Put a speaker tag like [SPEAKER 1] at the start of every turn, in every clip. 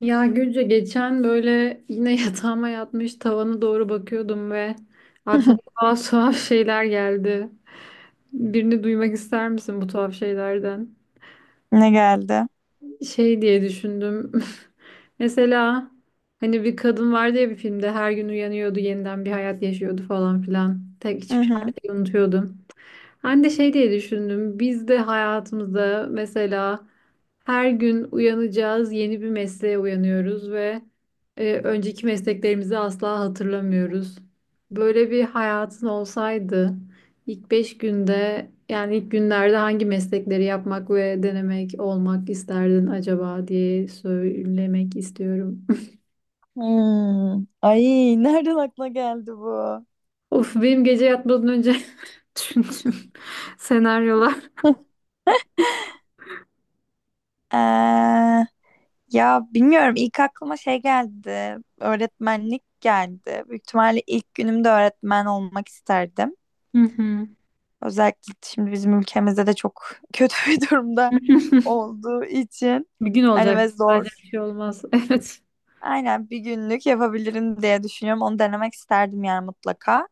[SPEAKER 1] Ya Gülce geçen böyle yine yatağıma yatmış tavana doğru bakıyordum ve aklıma tuhaf tuhaf şeyler geldi. Birini duymak ister misin bu tuhaf şeylerden?
[SPEAKER 2] Ne geldi?
[SPEAKER 1] Şey diye düşündüm. Mesela hani bir kadın vardı ya bir filmde her gün uyanıyordu yeniden bir hayat yaşıyordu falan filan. Tek
[SPEAKER 2] Hı
[SPEAKER 1] hiçbir
[SPEAKER 2] hı.
[SPEAKER 1] şey unutuyordu. Ben de şey diye düşündüm. Biz de hayatımızda mesela her gün uyanacağız, yeni bir mesleğe uyanıyoruz ve önceki mesleklerimizi asla hatırlamıyoruz. Böyle bir hayatın olsaydı ilk 5 günde yani ilk günlerde hangi meslekleri yapmak ve denemek olmak isterdin acaba diye söylemek istiyorum.
[SPEAKER 2] Hmm. Ay nereden aklına geldi bu?
[SPEAKER 1] Of benim gece yatmadan önce düşündüğüm senaryolar.
[SPEAKER 2] Ee, ya bilmiyorum ilk aklıma şey geldi. Öğretmenlik geldi. Büyük ihtimalle ilk günümde öğretmen olmak isterdim.
[SPEAKER 1] Hı hı.
[SPEAKER 2] Özellikle şimdi bizim ülkemizde de çok kötü bir durumda olduğu için.
[SPEAKER 1] Bir gün
[SPEAKER 2] Hani
[SPEAKER 1] olacak.
[SPEAKER 2] ve
[SPEAKER 1] Sadece bir
[SPEAKER 2] zor.
[SPEAKER 1] şey olmaz. Evet.
[SPEAKER 2] Aynen bir günlük yapabilirim diye düşünüyorum. Onu denemek isterdim yani mutlaka.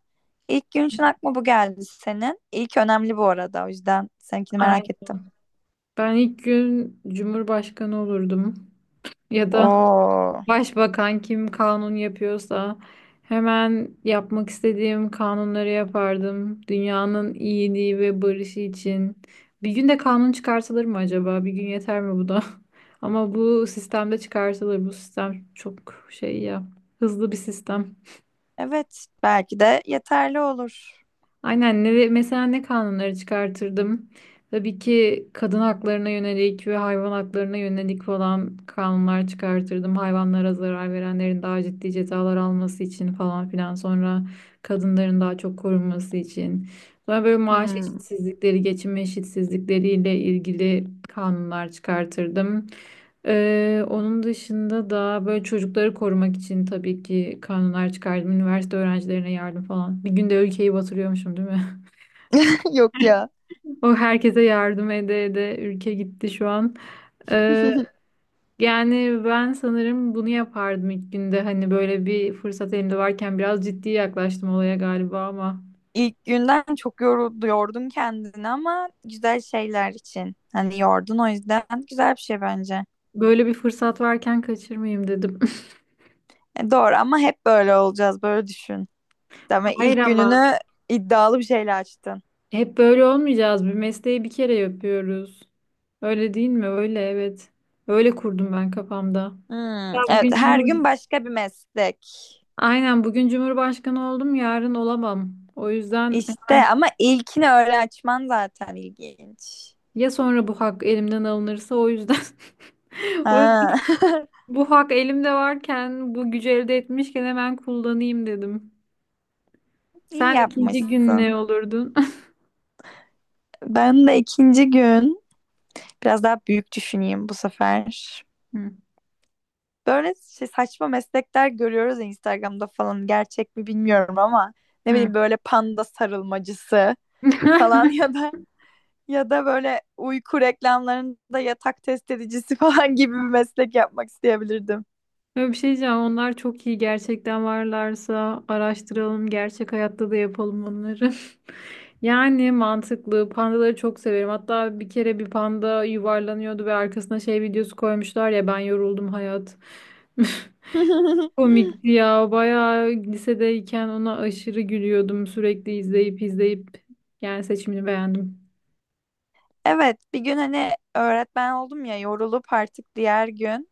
[SPEAKER 2] İlk gün için aklıma bu geldi senin. İlk önemli bu arada. O yüzden seninkini merak ettim.
[SPEAKER 1] Aynen. Ben ilk gün Cumhurbaşkanı olurdum. Ya da
[SPEAKER 2] Oo.
[SPEAKER 1] başbakan kim kanun yapıyorsa hemen yapmak istediğim kanunları yapardım. Dünyanın iyiliği ve barışı için. Bir gün de kanun çıkartılır mı acaba? Bir gün yeter mi bu da? Ama bu sistemde çıkartılır. Bu sistem çok şey ya. Hızlı bir sistem.
[SPEAKER 2] Evet, belki de yeterli olur.
[SPEAKER 1] Aynen ne, mesela ne kanunları çıkartırdım? Tabii ki kadın haklarına yönelik ve hayvan haklarına yönelik falan kanunlar çıkartırdım. Hayvanlara zarar verenlerin daha ciddi cezalar alması için falan filan. Sonra kadınların daha çok korunması için. Sonra böyle maaş
[SPEAKER 2] Hmm.
[SPEAKER 1] eşitsizlikleri, geçim eşitsizlikleriyle ilgili kanunlar çıkartırdım. Onun dışında da böyle çocukları korumak için tabii ki kanunlar çıkardım. Üniversite öğrencilerine yardım falan. Bir günde ülkeyi batırıyormuşum değil mi?
[SPEAKER 2] Yok ya.
[SPEAKER 1] O herkese yardım ede ede ülke gitti şu an. Ee, yani ben sanırım bunu yapardım ilk günde. Hani böyle bir fırsat elimde varken biraz ciddi yaklaştım olaya galiba ama
[SPEAKER 2] İlk günden çok yoruldu, yordun kendini ama güzel şeyler için. Hani yordun o yüzden güzel bir şey bence.
[SPEAKER 1] böyle bir fırsat varken kaçırmayayım dedim.
[SPEAKER 2] E, doğru ama hep böyle olacağız, böyle düşün. Ama
[SPEAKER 1] Hayır
[SPEAKER 2] ilk
[SPEAKER 1] ama.
[SPEAKER 2] gününü iddialı bir şeyle açtın.
[SPEAKER 1] Hep böyle olmayacağız. Bir mesleği bir kere yapıyoruz. Öyle değil mi? Öyle evet. Öyle kurdum ben kafamda.
[SPEAKER 2] Hmm,
[SPEAKER 1] Ya
[SPEAKER 2] evet her gün başka bir meslek.
[SPEAKER 1] Aynen bugün Cumhurbaşkanı oldum, yarın olamam. O yüzden hemen
[SPEAKER 2] İşte ama ilkini öyle açman zaten ilginç.
[SPEAKER 1] ya sonra bu hak elimden alınırsa o yüzden o yüzden
[SPEAKER 2] Ha.
[SPEAKER 1] bu hak elimde varken bu gücü elde etmişken hemen kullanayım dedim.
[SPEAKER 2] İyi
[SPEAKER 1] Sen ikinci gün ne
[SPEAKER 2] yapmışsın.
[SPEAKER 1] olurdun?
[SPEAKER 2] Ben de ikinci gün biraz daha büyük düşüneyim bu sefer.
[SPEAKER 1] Hı.
[SPEAKER 2] Böyle şey, saçma meslekler görüyoruz ya Instagram'da falan gerçek mi bilmiyorum ama ne
[SPEAKER 1] Hı.
[SPEAKER 2] bileyim böyle panda sarılmacısı falan ya da böyle uyku reklamlarında yatak test edicisi falan gibi bir meslek yapmak isteyebilirdim.
[SPEAKER 1] Ya bir şey diyeceğim. Onlar çok iyi. Gerçekten varlarsa araştıralım. Gerçek hayatta da yapalım onları. Yani mantıklı. Pandaları çok severim. Hatta bir kere bir panda yuvarlanıyordu ve arkasına şey videosu koymuşlar ya ben yoruldum hayat. Komikti ya. Bayağı lisedeyken ona aşırı gülüyordum. Sürekli izleyip izleyip. Yani seçimini beğendim.
[SPEAKER 2] Evet, bir gün hani öğretmen oldum ya yorulup artık diğer gün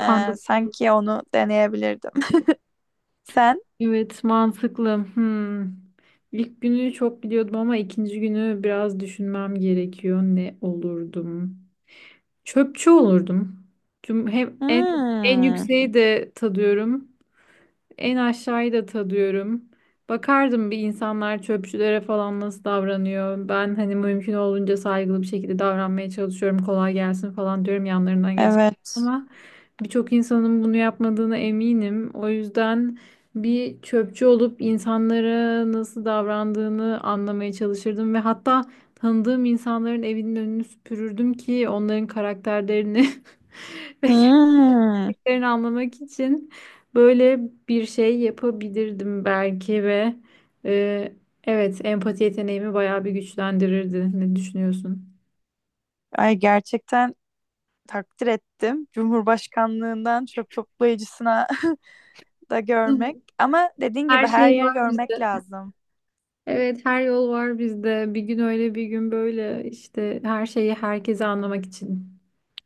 [SPEAKER 1] Panda
[SPEAKER 2] sanki onu deneyebilirdim. Sen?
[SPEAKER 1] evet, mantıklı. Hmm. İlk günü çok biliyordum ama ikinci günü biraz düşünmem gerekiyor. Ne olurdum? Çöpçü olurdum. Tüm hem en
[SPEAKER 2] Hmm,
[SPEAKER 1] yükseği de tadıyorum. En aşağıyı da tadıyorum. Bakardım bir insanlar çöpçülere falan nasıl davranıyor. Ben hani mümkün olduğunca saygılı bir şekilde davranmaya çalışıyorum. Kolay gelsin falan diyorum yanlarından geç.
[SPEAKER 2] evet.
[SPEAKER 1] Ama birçok insanın bunu yapmadığına eminim. O yüzden bir çöpçü olup insanlara nasıl davrandığını anlamaya çalışırdım ve hatta tanıdığım insanların evinin önünü süpürürdüm ki onların karakterlerini ve
[SPEAKER 2] Hmm.
[SPEAKER 1] yerini anlamak için böyle bir şey yapabilirdim belki ve e, evet empati yeteneğimi bayağı bir güçlendirirdi. Ne düşünüyorsun?
[SPEAKER 2] Ay gerçekten takdir ettim. Cumhurbaşkanlığından çöp toplayıcısına da görmek. Ama dediğin
[SPEAKER 1] Her
[SPEAKER 2] gibi her
[SPEAKER 1] şey
[SPEAKER 2] yer
[SPEAKER 1] var
[SPEAKER 2] görmek
[SPEAKER 1] bizde.
[SPEAKER 2] lazım.
[SPEAKER 1] Evet, her yol var bizde. Bir gün öyle, bir gün böyle. İşte her şeyi herkese anlamak için.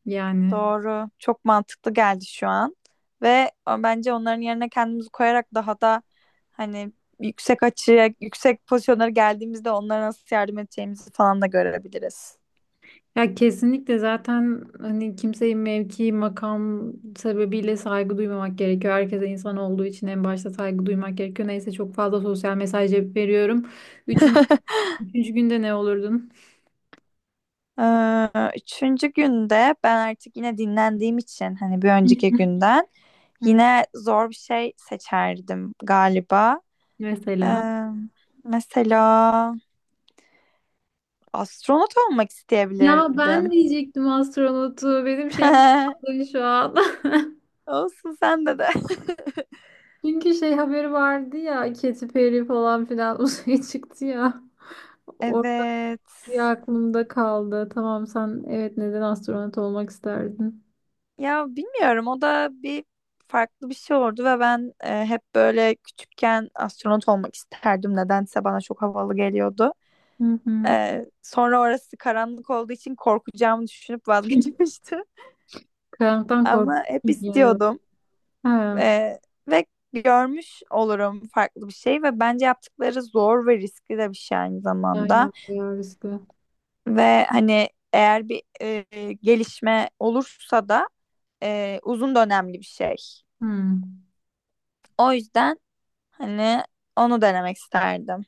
[SPEAKER 1] Yani.
[SPEAKER 2] Doğru. Çok mantıklı geldi şu an. Ve bence onların yerine kendimizi koyarak daha da hani yüksek açıya, yüksek pozisyonlara geldiğimizde onlara nasıl yardım edeceğimizi falan da görebiliriz.
[SPEAKER 1] Ya kesinlikle zaten hani kimseyi mevki, makam sebebiyle saygı duymamak gerekiyor. Herkese insan olduğu için en başta saygı duymak gerekiyor. Neyse çok fazla sosyal mesaj yapıp veriyorum. Üçüncü, üçüncü günde ne olurdun?
[SPEAKER 2] Ee, Üçüncü günde ben artık yine dinlendiğim için hani bir önceki günden yine zor bir şey seçerdim galiba.
[SPEAKER 1] Mesela.
[SPEAKER 2] Ee, Mesela astronot olmak
[SPEAKER 1] Ya ben
[SPEAKER 2] isteyebilirdim.
[SPEAKER 1] diyecektim astronotu. Benim şeyim patladı şu an.
[SPEAKER 2] Olsun sende de.
[SPEAKER 1] Çünkü şey haberi vardı ya Katy Perry falan filan uzaya çıktı ya. O
[SPEAKER 2] Evet.
[SPEAKER 1] bir aklımda kaldı. Tamam sen evet neden astronot olmak isterdin?
[SPEAKER 2] Ya bilmiyorum o da bir farklı bir şey oldu ve ben hep böyle küçükken astronot olmak isterdim. Nedense bana çok havalı geliyordu.
[SPEAKER 1] Hı hı.
[SPEAKER 2] E, sonra orası karanlık olduğu için korkacağımı düşünüp vazgeçmiştim.
[SPEAKER 1] Karanlıktan korkuyorum
[SPEAKER 2] Ama hep
[SPEAKER 1] genel olarak.
[SPEAKER 2] istiyordum.
[SPEAKER 1] Ha,
[SPEAKER 2] E, ve görmüş olurum farklı bir şey ve bence yaptıkları zor ve riskli de bir şey aynı zamanda.
[SPEAKER 1] aynen bayağı riskli.
[SPEAKER 2] Ve hani eğer bir gelişme olursa da uzun dönemli bir şey.
[SPEAKER 1] Hmm.
[SPEAKER 2] O yüzden hani onu denemek isterdim.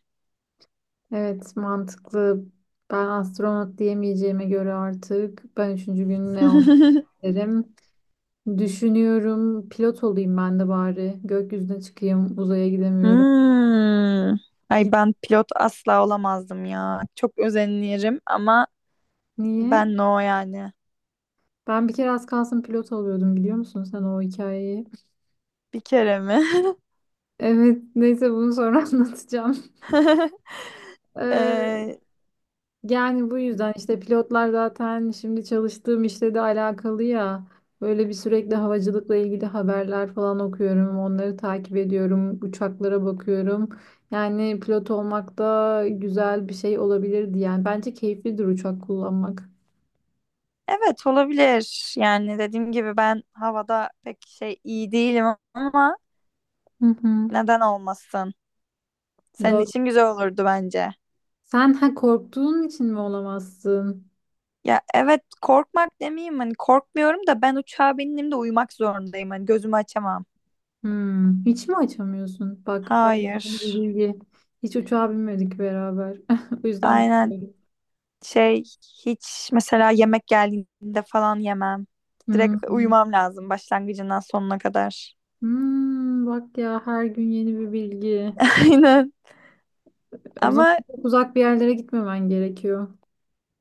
[SPEAKER 1] Evet mantıklı. Ben astronot diyemeyeceğime göre artık ben üçüncü gün ne olmak isterim. Düşünüyorum pilot olayım ben de bari. Gökyüzüne çıkayım uzaya gidemiyorum.
[SPEAKER 2] Hmm. Ay
[SPEAKER 1] Git-
[SPEAKER 2] ben pilot asla olamazdım ya. Çok özenirim ama
[SPEAKER 1] Niye?
[SPEAKER 2] ben no yani.
[SPEAKER 1] Ben bir kere az kalsın pilot oluyordum biliyor musun sen o hikayeyi?
[SPEAKER 2] Bir kere mi?
[SPEAKER 1] Evet neyse bunu sonra anlatacağım. Ee,
[SPEAKER 2] Ee,
[SPEAKER 1] Yani bu yüzden işte pilotlar zaten şimdi çalıştığım işle de alakalı ya. Böyle bir sürekli havacılıkla ilgili haberler falan okuyorum. Onları takip ediyorum. Uçaklara bakıyorum. Yani pilot olmak da güzel bir şey olabilirdi yani. Bence keyiflidir uçak kullanmak.
[SPEAKER 2] evet, olabilir. Yani dediğim gibi ben havada pek şey iyi değilim ama
[SPEAKER 1] Hı hı.
[SPEAKER 2] neden olmasın? Senin
[SPEAKER 1] Dört.
[SPEAKER 2] için güzel olurdu bence.
[SPEAKER 1] Sen ha korktuğun için mi olamazsın?
[SPEAKER 2] Ya evet korkmak demeyeyim hani korkmuyorum da ben uçağa bindiğimde uyumak zorundayım. Hani gözümü açamam.
[SPEAKER 1] Hmm. Hiç mi açamıyorsun? Bak, her gün yeni
[SPEAKER 2] Hayır.
[SPEAKER 1] bir bilgi. Hiç uçağa binmedik beraber. O yüzden
[SPEAKER 2] Aynen
[SPEAKER 1] bilmiyorum.
[SPEAKER 2] şey hiç mesela yemek geldiğinde falan yemem. Direkt
[SPEAKER 1] Hmm.
[SPEAKER 2] uyumam lazım başlangıcından sonuna kadar.
[SPEAKER 1] Hmm, bak ya her gün yeni bir bilgi.
[SPEAKER 2] Aynen.
[SPEAKER 1] O zaman
[SPEAKER 2] Ama
[SPEAKER 1] çok uzak bir yerlere gitmemen gerekiyor.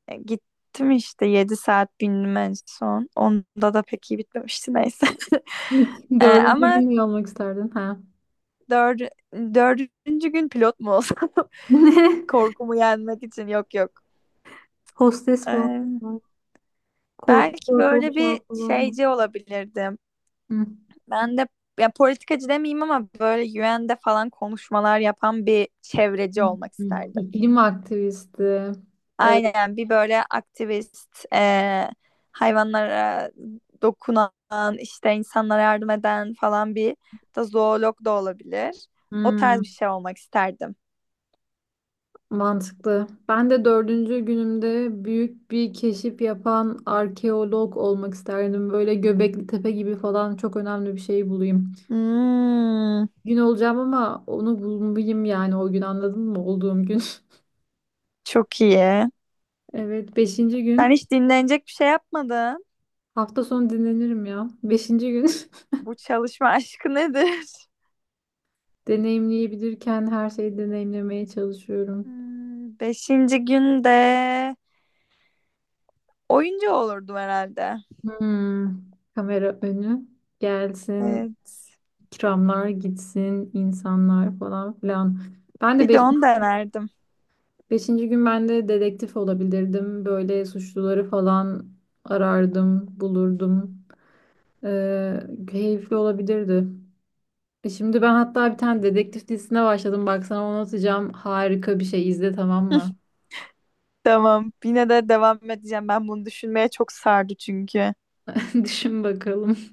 [SPEAKER 2] gittim işte 7 saat bindim en son. Onda da pek iyi bitmemişti neyse.
[SPEAKER 1] Dördüncü
[SPEAKER 2] Ama
[SPEAKER 1] gün mü almak isterdin? Ha.
[SPEAKER 2] dördü- dördüncü gün pilot mu olsam?
[SPEAKER 1] Ne?
[SPEAKER 2] Korkumu yenmek için yok yok.
[SPEAKER 1] Hostes falan
[SPEAKER 2] Ee,
[SPEAKER 1] var. Korku
[SPEAKER 2] Belki
[SPEAKER 1] korku
[SPEAKER 2] böyle bir
[SPEAKER 1] uçağı falan mı?
[SPEAKER 2] şeyci olabilirdim.
[SPEAKER 1] Hı.
[SPEAKER 2] Ben de ya politikacı demeyeyim ama böyle UN'de falan konuşmalar yapan bir çevreci olmak
[SPEAKER 1] Hı.
[SPEAKER 2] isterdim.
[SPEAKER 1] İklim aktivisti. Evet.
[SPEAKER 2] Aynen bir böyle aktivist, hayvanlara dokunan, işte insanlara yardım eden falan bir da zoolog da olabilir. O tarz
[SPEAKER 1] Hmm,
[SPEAKER 2] bir şey olmak isterdim.
[SPEAKER 1] mantıklı. Ben de dördüncü günümde büyük bir keşif yapan arkeolog olmak isterdim. Böyle Göbekli Tepe gibi falan çok önemli bir şey bulayım.
[SPEAKER 2] Hmm,
[SPEAKER 1] Gün olacağım ama onu bulmalıyım yani o gün anladın mı olduğum gün.
[SPEAKER 2] çok iyi.
[SPEAKER 1] Evet beşinci
[SPEAKER 2] Sen
[SPEAKER 1] gün
[SPEAKER 2] hiç dinlenecek bir şey yapmadın.
[SPEAKER 1] hafta sonu dinlenirim ya. Beşinci gün
[SPEAKER 2] Bu çalışma aşkı nedir?
[SPEAKER 1] deneyimleyebilirken her şeyi deneyimlemeye çalışıyorum.
[SPEAKER 2] Hmm, beşinci günde oyuncu olurdum herhalde.
[SPEAKER 1] Hmm, kamera önü gelsin,
[SPEAKER 2] Evet.
[SPEAKER 1] ikramlar gitsin, insanlar falan filan. Ben de
[SPEAKER 2] Bir de
[SPEAKER 1] beş,
[SPEAKER 2] onu denerdim.
[SPEAKER 1] beşinci gün ben de dedektif olabilirdim. Böyle suçluları falan arardım, bulurdum. Ee, keyifli olabilirdi. Şimdi ben hatta bir tane dedektif dizisine başladım. Bak sana onu atacağım. Harika bir şey. İzle tamam mı?
[SPEAKER 2] Tamam. Yine de devam edeceğim. Ben bunu düşünmeye çok sardı çünkü.
[SPEAKER 1] Düşün bakalım.